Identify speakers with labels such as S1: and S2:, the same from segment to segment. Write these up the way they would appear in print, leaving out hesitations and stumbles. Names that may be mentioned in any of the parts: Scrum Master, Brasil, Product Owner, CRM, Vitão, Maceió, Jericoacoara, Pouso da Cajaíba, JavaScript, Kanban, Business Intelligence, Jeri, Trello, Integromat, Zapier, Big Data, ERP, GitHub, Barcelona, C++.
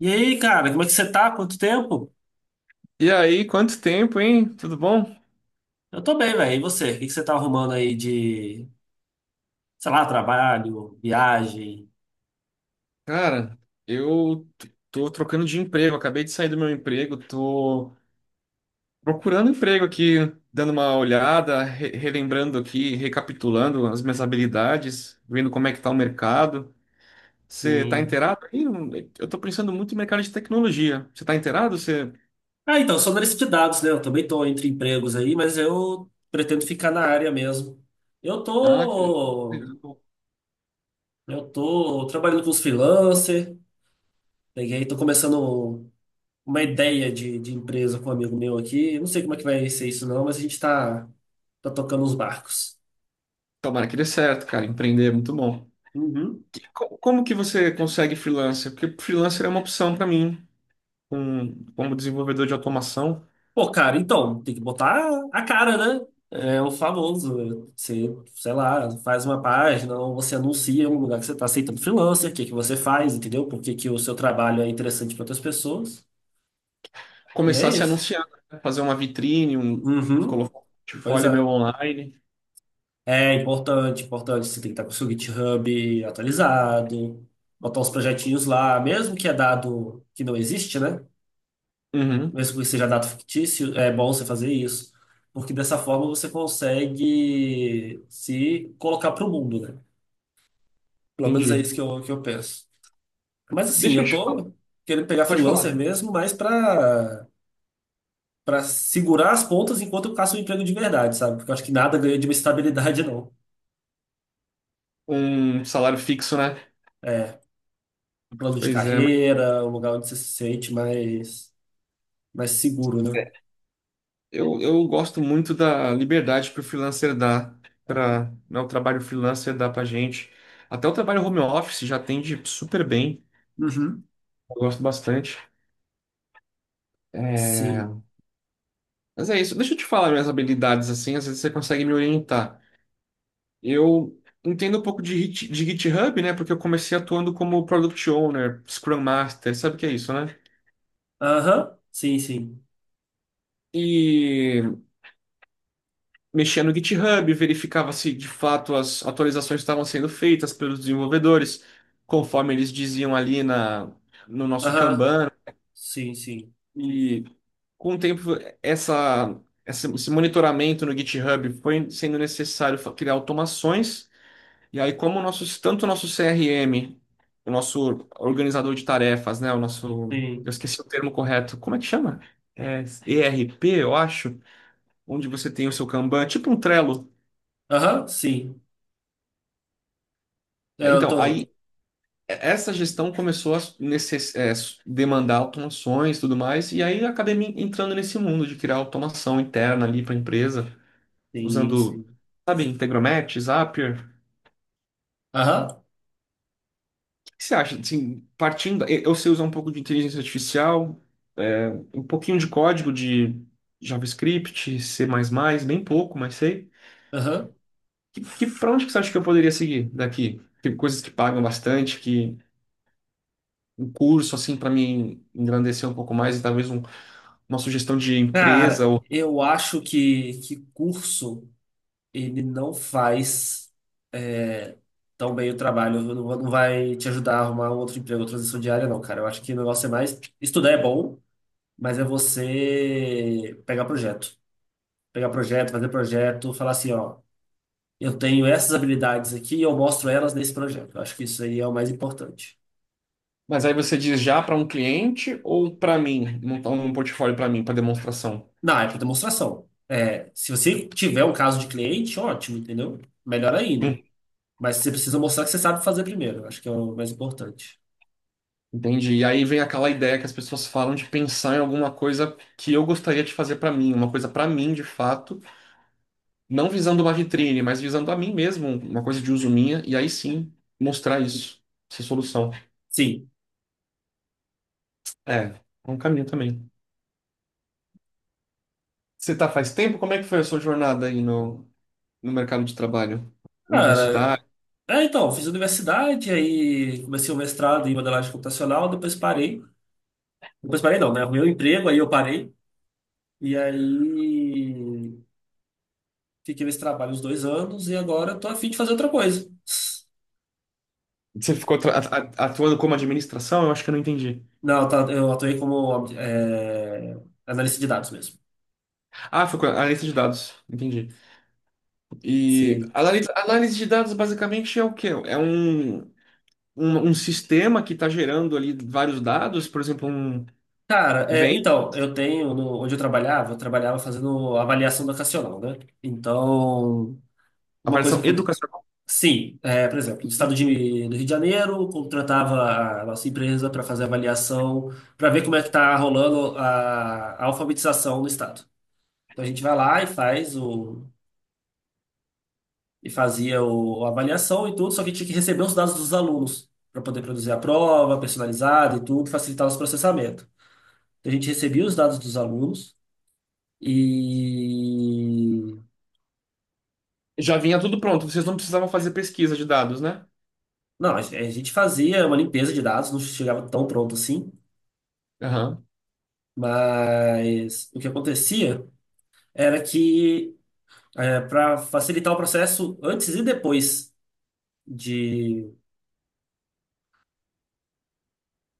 S1: E aí, cara, como é que você tá? Quanto tempo?
S2: E aí, quanto tempo, hein? Tudo bom?
S1: Eu tô bem, velho. E você? O que que você tá arrumando aí de, sei lá, trabalho, viagem?
S2: Cara, eu tô trocando de emprego, acabei de sair do meu emprego, tô procurando emprego aqui, dando uma olhada, relembrando aqui, recapitulando as minhas habilidades, vendo como é que tá o mercado. Você tá
S1: Sim.
S2: inteirado aí? Eu tô pensando muito em mercado de tecnologia. Você tá inteirado? Você...
S1: Ah, então, eu sou analista de dados, né? Eu também tô entre empregos aí, mas eu pretendo ficar na área mesmo. Eu
S2: Ah, que...
S1: tô, eu tô trabalhando com os freelancer, peguei, tô começando uma ideia de empresa com um amigo meu aqui. Eu não sei como é que vai ser isso não, mas a gente tá tocando os barcos.
S2: Tomara que dê certo, cara. Empreender é muito bom.
S1: Uhum.
S2: Como que você consegue freelancer? Porque freelancer é uma opção pra mim, como desenvolvedor de automação,
S1: Pô, cara, então, tem que botar a cara, né? É o famoso. Você, sei lá, faz uma página, ou você anuncia um lugar que você está aceitando freelancer, o que que você faz, entendeu? Por que que o seu trabalho é interessante para outras pessoas. E é
S2: começar a se
S1: isso.
S2: anunciar, né? Fazer uma vitrine, um,
S1: Uhum.
S2: colocar um
S1: Pois é.
S2: portfólio meu online.
S1: É importante, importante. Você tem que estar com o seu GitHub atualizado, botar os projetinhos lá, mesmo que é dado que não existe, né?
S2: Uhum,
S1: Mesmo que seja dado fictício, é bom você fazer isso, porque dessa forma você consegue se colocar para o mundo, né? Pelo menos é
S2: entendi.
S1: isso que eu penso. Mas assim,
S2: Deixa eu
S1: eu
S2: te falar,
S1: tô querendo pegar
S2: pode
S1: freelancer
S2: falar.
S1: mesmo, mas para segurar as pontas enquanto eu caço um emprego de verdade, sabe? Porque eu acho que nada ganha de uma estabilidade, não.
S2: Um salário fixo, né?
S1: É, um plano de
S2: Pois é, mas
S1: carreira, um lugar onde você se sente mais, mais seguro, né?
S2: eu gosto muito da liberdade que o freelancer dá para, né, o trabalho freelancer dá pra gente. Até o trabalho home office já atende super bem.
S1: Uhum.
S2: Eu gosto bastante.
S1: Sim.
S2: É, mas é isso. Deixa eu te falar minhas habilidades assim, às vezes você consegue me orientar. Eu entendo um pouco de GitHub, né? Porque eu comecei atuando como Product Owner, Scrum Master, sabe o que é isso, né?
S1: Aham. Sim, sim.
S2: E mexia no GitHub, verificava se de fato as atualizações estavam sendo feitas pelos desenvolvedores, conforme eles diziam ali no nosso
S1: Aham.
S2: Kanban.
S1: Sim, sim.
S2: E com o tempo, essa, esse monitoramento no GitHub foi sendo necessário criar automações. E aí, como o nosso, tanto o nosso CRM, o nosso organizador de tarefas, né? O nosso. Eu
S1: Sim.
S2: esqueci o termo correto. Como é que chama? É, ERP, eu acho. Onde você tem o seu Kanban, tipo um Trello.
S1: Aham, sim. É,
S2: É,
S1: eu
S2: então, aí e-
S1: tô.
S2: essa gestão começou a demandar automações e tudo mais. E aí eu acabei me entrando nesse mundo de criar automação interna ali para a empresa,
S1: Sim,
S2: usando,
S1: sim.
S2: sabe, Integromat, Zapier.
S1: Aham,
S2: O que você acha? Assim, partindo, eu sei usar um pouco de inteligência artificial, é, um pouquinho de código de JavaScript, C++, bem pouco, mas sei.
S1: aham.
S2: Pra onde que você acha que eu poderia seguir daqui? Tem coisas que pagam bastante, que um curso, assim, para me engrandecer um pouco mais, e talvez uma sugestão de empresa.
S1: Cara,
S2: Ou...
S1: eu acho que curso ele não faz é, tão bem o trabalho. Não, não vai te ajudar a arrumar um outro emprego, outra transição diária, não, cara. Eu acho que o negócio é mais. Estudar é bom, mas é você pegar projeto. Pegar projeto, fazer projeto, falar assim, ó, eu tenho essas habilidades aqui e eu mostro elas nesse projeto. Eu acho que isso aí é o mais importante.
S2: Mas aí você diz já para um cliente ou para mim, montar um portfólio para mim, para demonstração?
S1: Não, é para demonstração. É, se você tiver um caso de cliente, ótimo, entendeu? Melhor ainda. Mas você precisa mostrar que você sabe fazer primeiro. Acho que é o mais importante.
S2: Entendi. E aí vem aquela ideia que as pessoas falam de pensar em alguma coisa que eu gostaria de fazer para mim, uma coisa para mim de fato, não visando uma vitrine, mas visando a mim mesmo, uma coisa de uso minha, e aí sim mostrar isso, essa solução.
S1: Sim.
S2: É um caminho também. Você tá faz tempo? Como é que foi a sua jornada aí no mercado de trabalho?
S1: Cara,
S2: Universidade?
S1: é, então, fiz universidade, aí comecei o mestrado em modelagem computacional, depois parei. Depois parei não, né? Arrumei um emprego, aí eu parei. E aí fiquei nesse trabalho uns dois anos e agora eu tô a fim de fazer outra coisa.
S2: Você ficou atuando como administração? Eu acho que eu não entendi.
S1: Não, tá, eu atuei como analista de dados mesmo.
S2: Ah, foi com analista de dados. Entendi. E
S1: Sim.
S2: análise de dados basicamente é o quê? É um sistema que está gerando ali vários dados, por exemplo, um,
S1: Cara, é,
S2: vem
S1: então, eu tenho, onde eu trabalhava fazendo avaliação educacional, né? Então,
S2: a
S1: uma coisa que
S2: versão educacional,
S1: sim, é, por exemplo, no estado do Rio de Janeiro, contratava a nossa empresa para fazer avaliação, para ver como é que está rolando a alfabetização no estado. Então, a gente vai lá e faz o, e fazia o, a avaliação e tudo, só que tinha que receber os dados dos alunos para poder produzir a prova personalizada e tudo, facilitar os processamentos. Então, a gente recebia os dados dos alunos e.
S2: já vinha tudo pronto, vocês não precisavam fazer pesquisa de dados, né?
S1: Não, a gente fazia uma limpeza de dados, não chegava tão pronto assim,
S2: Aham,
S1: mas o que acontecia era que, para facilitar o processo antes e depois de,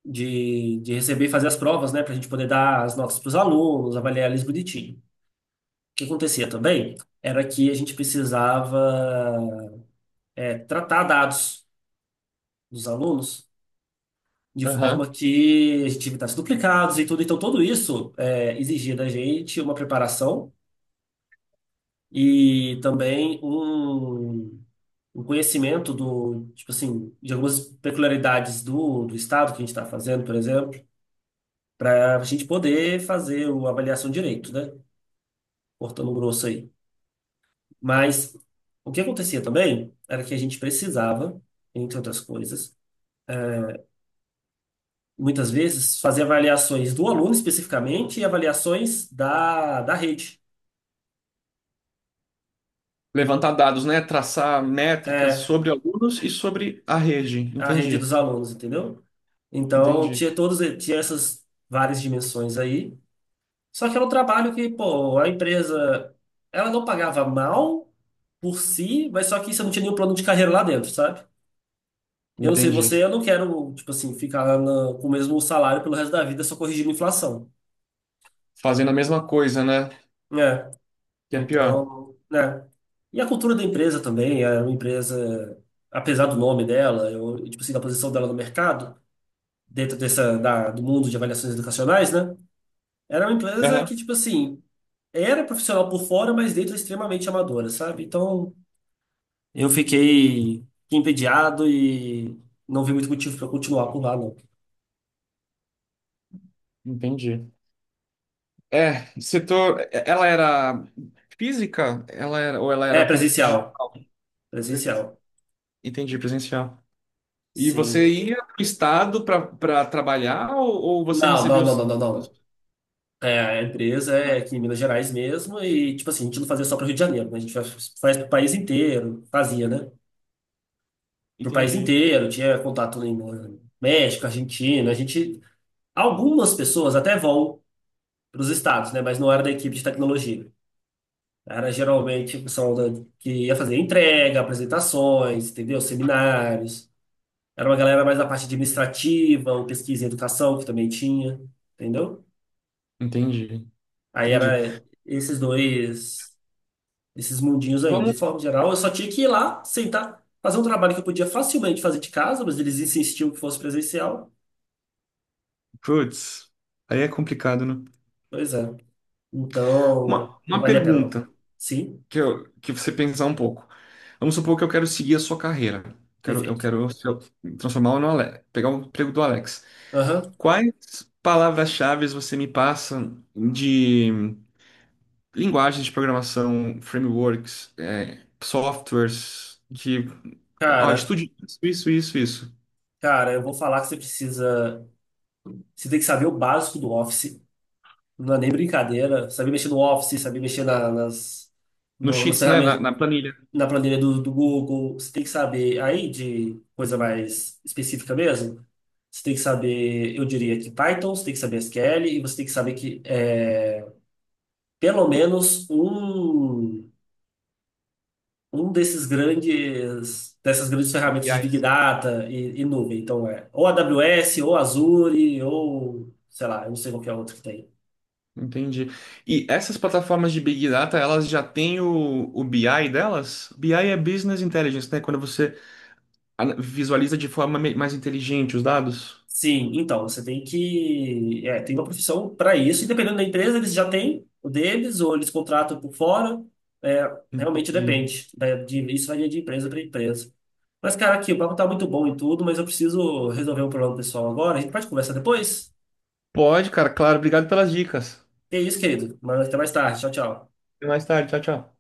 S1: de receber e fazer as provas, né, para a gente poder dar as notas para os alunos, avaliar eles bonitinho. O que acontecia também era que a gente precisava, tratar dados dos alunos de forma
S2: aham.
S1: que a gente evitasse duplicados e tudo. Então, tudo isso exigia da gente uma preparação e também um conhecimento do, tipo assim, de algumas peculiaridades do estado que a gente está fazendo, por exemplo, para a gente poder fazer uma avaliação direito, né? Cortando grosso aí. Mas o que acontecia também era que a gente precisava, entre outras coisas, muitas vezes, fazer avaliações do aluno especificamente e avaliações da rede.
S2: Levantar dados, né? Traçar métricas
S1: É,
S2: sobre alunos e sobre a rede.
S1: a rede dos
S2: Entendi,
S1: alunos, entendeu? Então,
S2: entendi,
S1: tinha todos, tinha essas várias dimensões aí. Só que era um trabalho que, pô, a empresa, ela não pagava mal por si, mas só que você não tinha nenhum plano de carreira lá dentro, sabe? Eu não sei
S2: entendi.
S1: você, eu não quero, tipo assim, ficar lá com o mesmo salário pelo resto da vida só corrigindo a inflação,
S2: Fazendo a mesma coisa, né?
S1: né?
S2: Que é pior.
S1: Então, né? E a cultura da empresa também, era uma empresa, apesar do nome dela, eu, tipo assim, da posição dela no mercado, dentro dessa, do mundo de avaliações educacionais, né? Era uma empresa
S2: Aham,
S1: que, tipo assim, era profissional por fora, mas dentro extremamente amadora, sabe? Então, eu fiquei entediado e não vi muito motivo para continuar por lá, não.
S2: entendi. É, setor. Ela era física? Ela era, ou ela
S1: É
S2: era com-
S1: presencial.
S2: de...
S1: Presencial.
S2: Presencial. Entendi, presencial. E você
S1: Sim.
S2: ia para o estado para trabalhar, ou você
S1: Não,
S2: recebia
S1: não, não,
S2: os
S1: não, não, não.
S2: salários,
S1: É, a empresa é
S2: né?
S1: aqui em Minas Gerais mesmo e, tipo assim, a gente não fazia só para o Rio de Janeiro, né? A gente faz, faz para o país inteiro, fazia, né? Para o país
S2: Entendi.
S1: inteiro, tinha contato em México, Argentina, a gente algumas pessoas até vão para os estados, né? Mas não era da equipe de tecnologia. Era geralmente o pessoal que ia fazer entrega, apresentações, entendeu? Seminários. Era uma galera mais da parte administrativa, ou pesquisa e educação, que também tinha, entendeu?
S2: Entendi.
S1: Aí
S2: Entendi.
S1: era esses dois, esses mundinhos aí. De
S2: Vamos.
S1: forma geral, eu só tinha que ir lá, sentar, fazer um trabalho que eu podia facilmente fazer de casa, mas eles insistiam que fosse presencial.
S2: Putz, aí é complicado, né?
S1: Pois é. Então,
S2: Uma,
S1: não
S2: uma
S1: valia a pena, não.
S2: pergunta
S1: Sim,
S2: que, eu, que você pensar um pouco. Vamos supor que eu quero seguir a sua carreira. Quero, eu
S1: perfeito.
S2: quero se eu transformar no Alex, pegar o emprego do Alex.
S1: Aham.
S2: Quais palavras-chave você me passa de linguagens de programação, frameworks, softwares que. Ó,
S1: Cara,
S2: estude isso, isso, isso, isso.
S1: cara, eu vou falar que você precisa. Você tem que saber o básico do Office. Não é nem brincadeira. Saber mexer no Office, saber mexer na- nas,
S2: Nos
S1: no- nas
S2: sheets, né? Na,
S1: ferramentas,
S2: na planilha.
S1: na planilha do Google. Você tem que saber aí de coisa mais específica mesmo. Você tem que saber, eu diria que Python, você tem que saber SQL e você tem que saber pelo menos um. Um desses grandes, dessas grandes ferramentas de Big
S2: BIs.
S1: Data e nuvem. Então é ou AWS, ou Azure, ou sei lá, eu não sei qual que é a outra que tem.
S2: Entendi. E essas plataformas de Big Data, elas já têm o BI delas? BI é Business Intelligence, né? Quando você visualiza de forma mais inteligente os dados.
S1: Sim, então você tem que tem uma profissão para isso, e dependendo da empresa, eles já têm o deles, ou eles contratam por fora. É, realmente
S2: Entendi.
S1: depende. Isso varia de empresa para empresa. Mas, cara, aqui, o papo tá muito bom e tudo, mas eu preciso resolver um problema pessoal agora. A gente pode conversar depois?
S2: Pode, cara, claro. Obrigado pelas dicas.
S1: É isso, querido. Mas até mais tarde. Tchau, tchau.
S2: Até mais tarde. Tchau, tchau.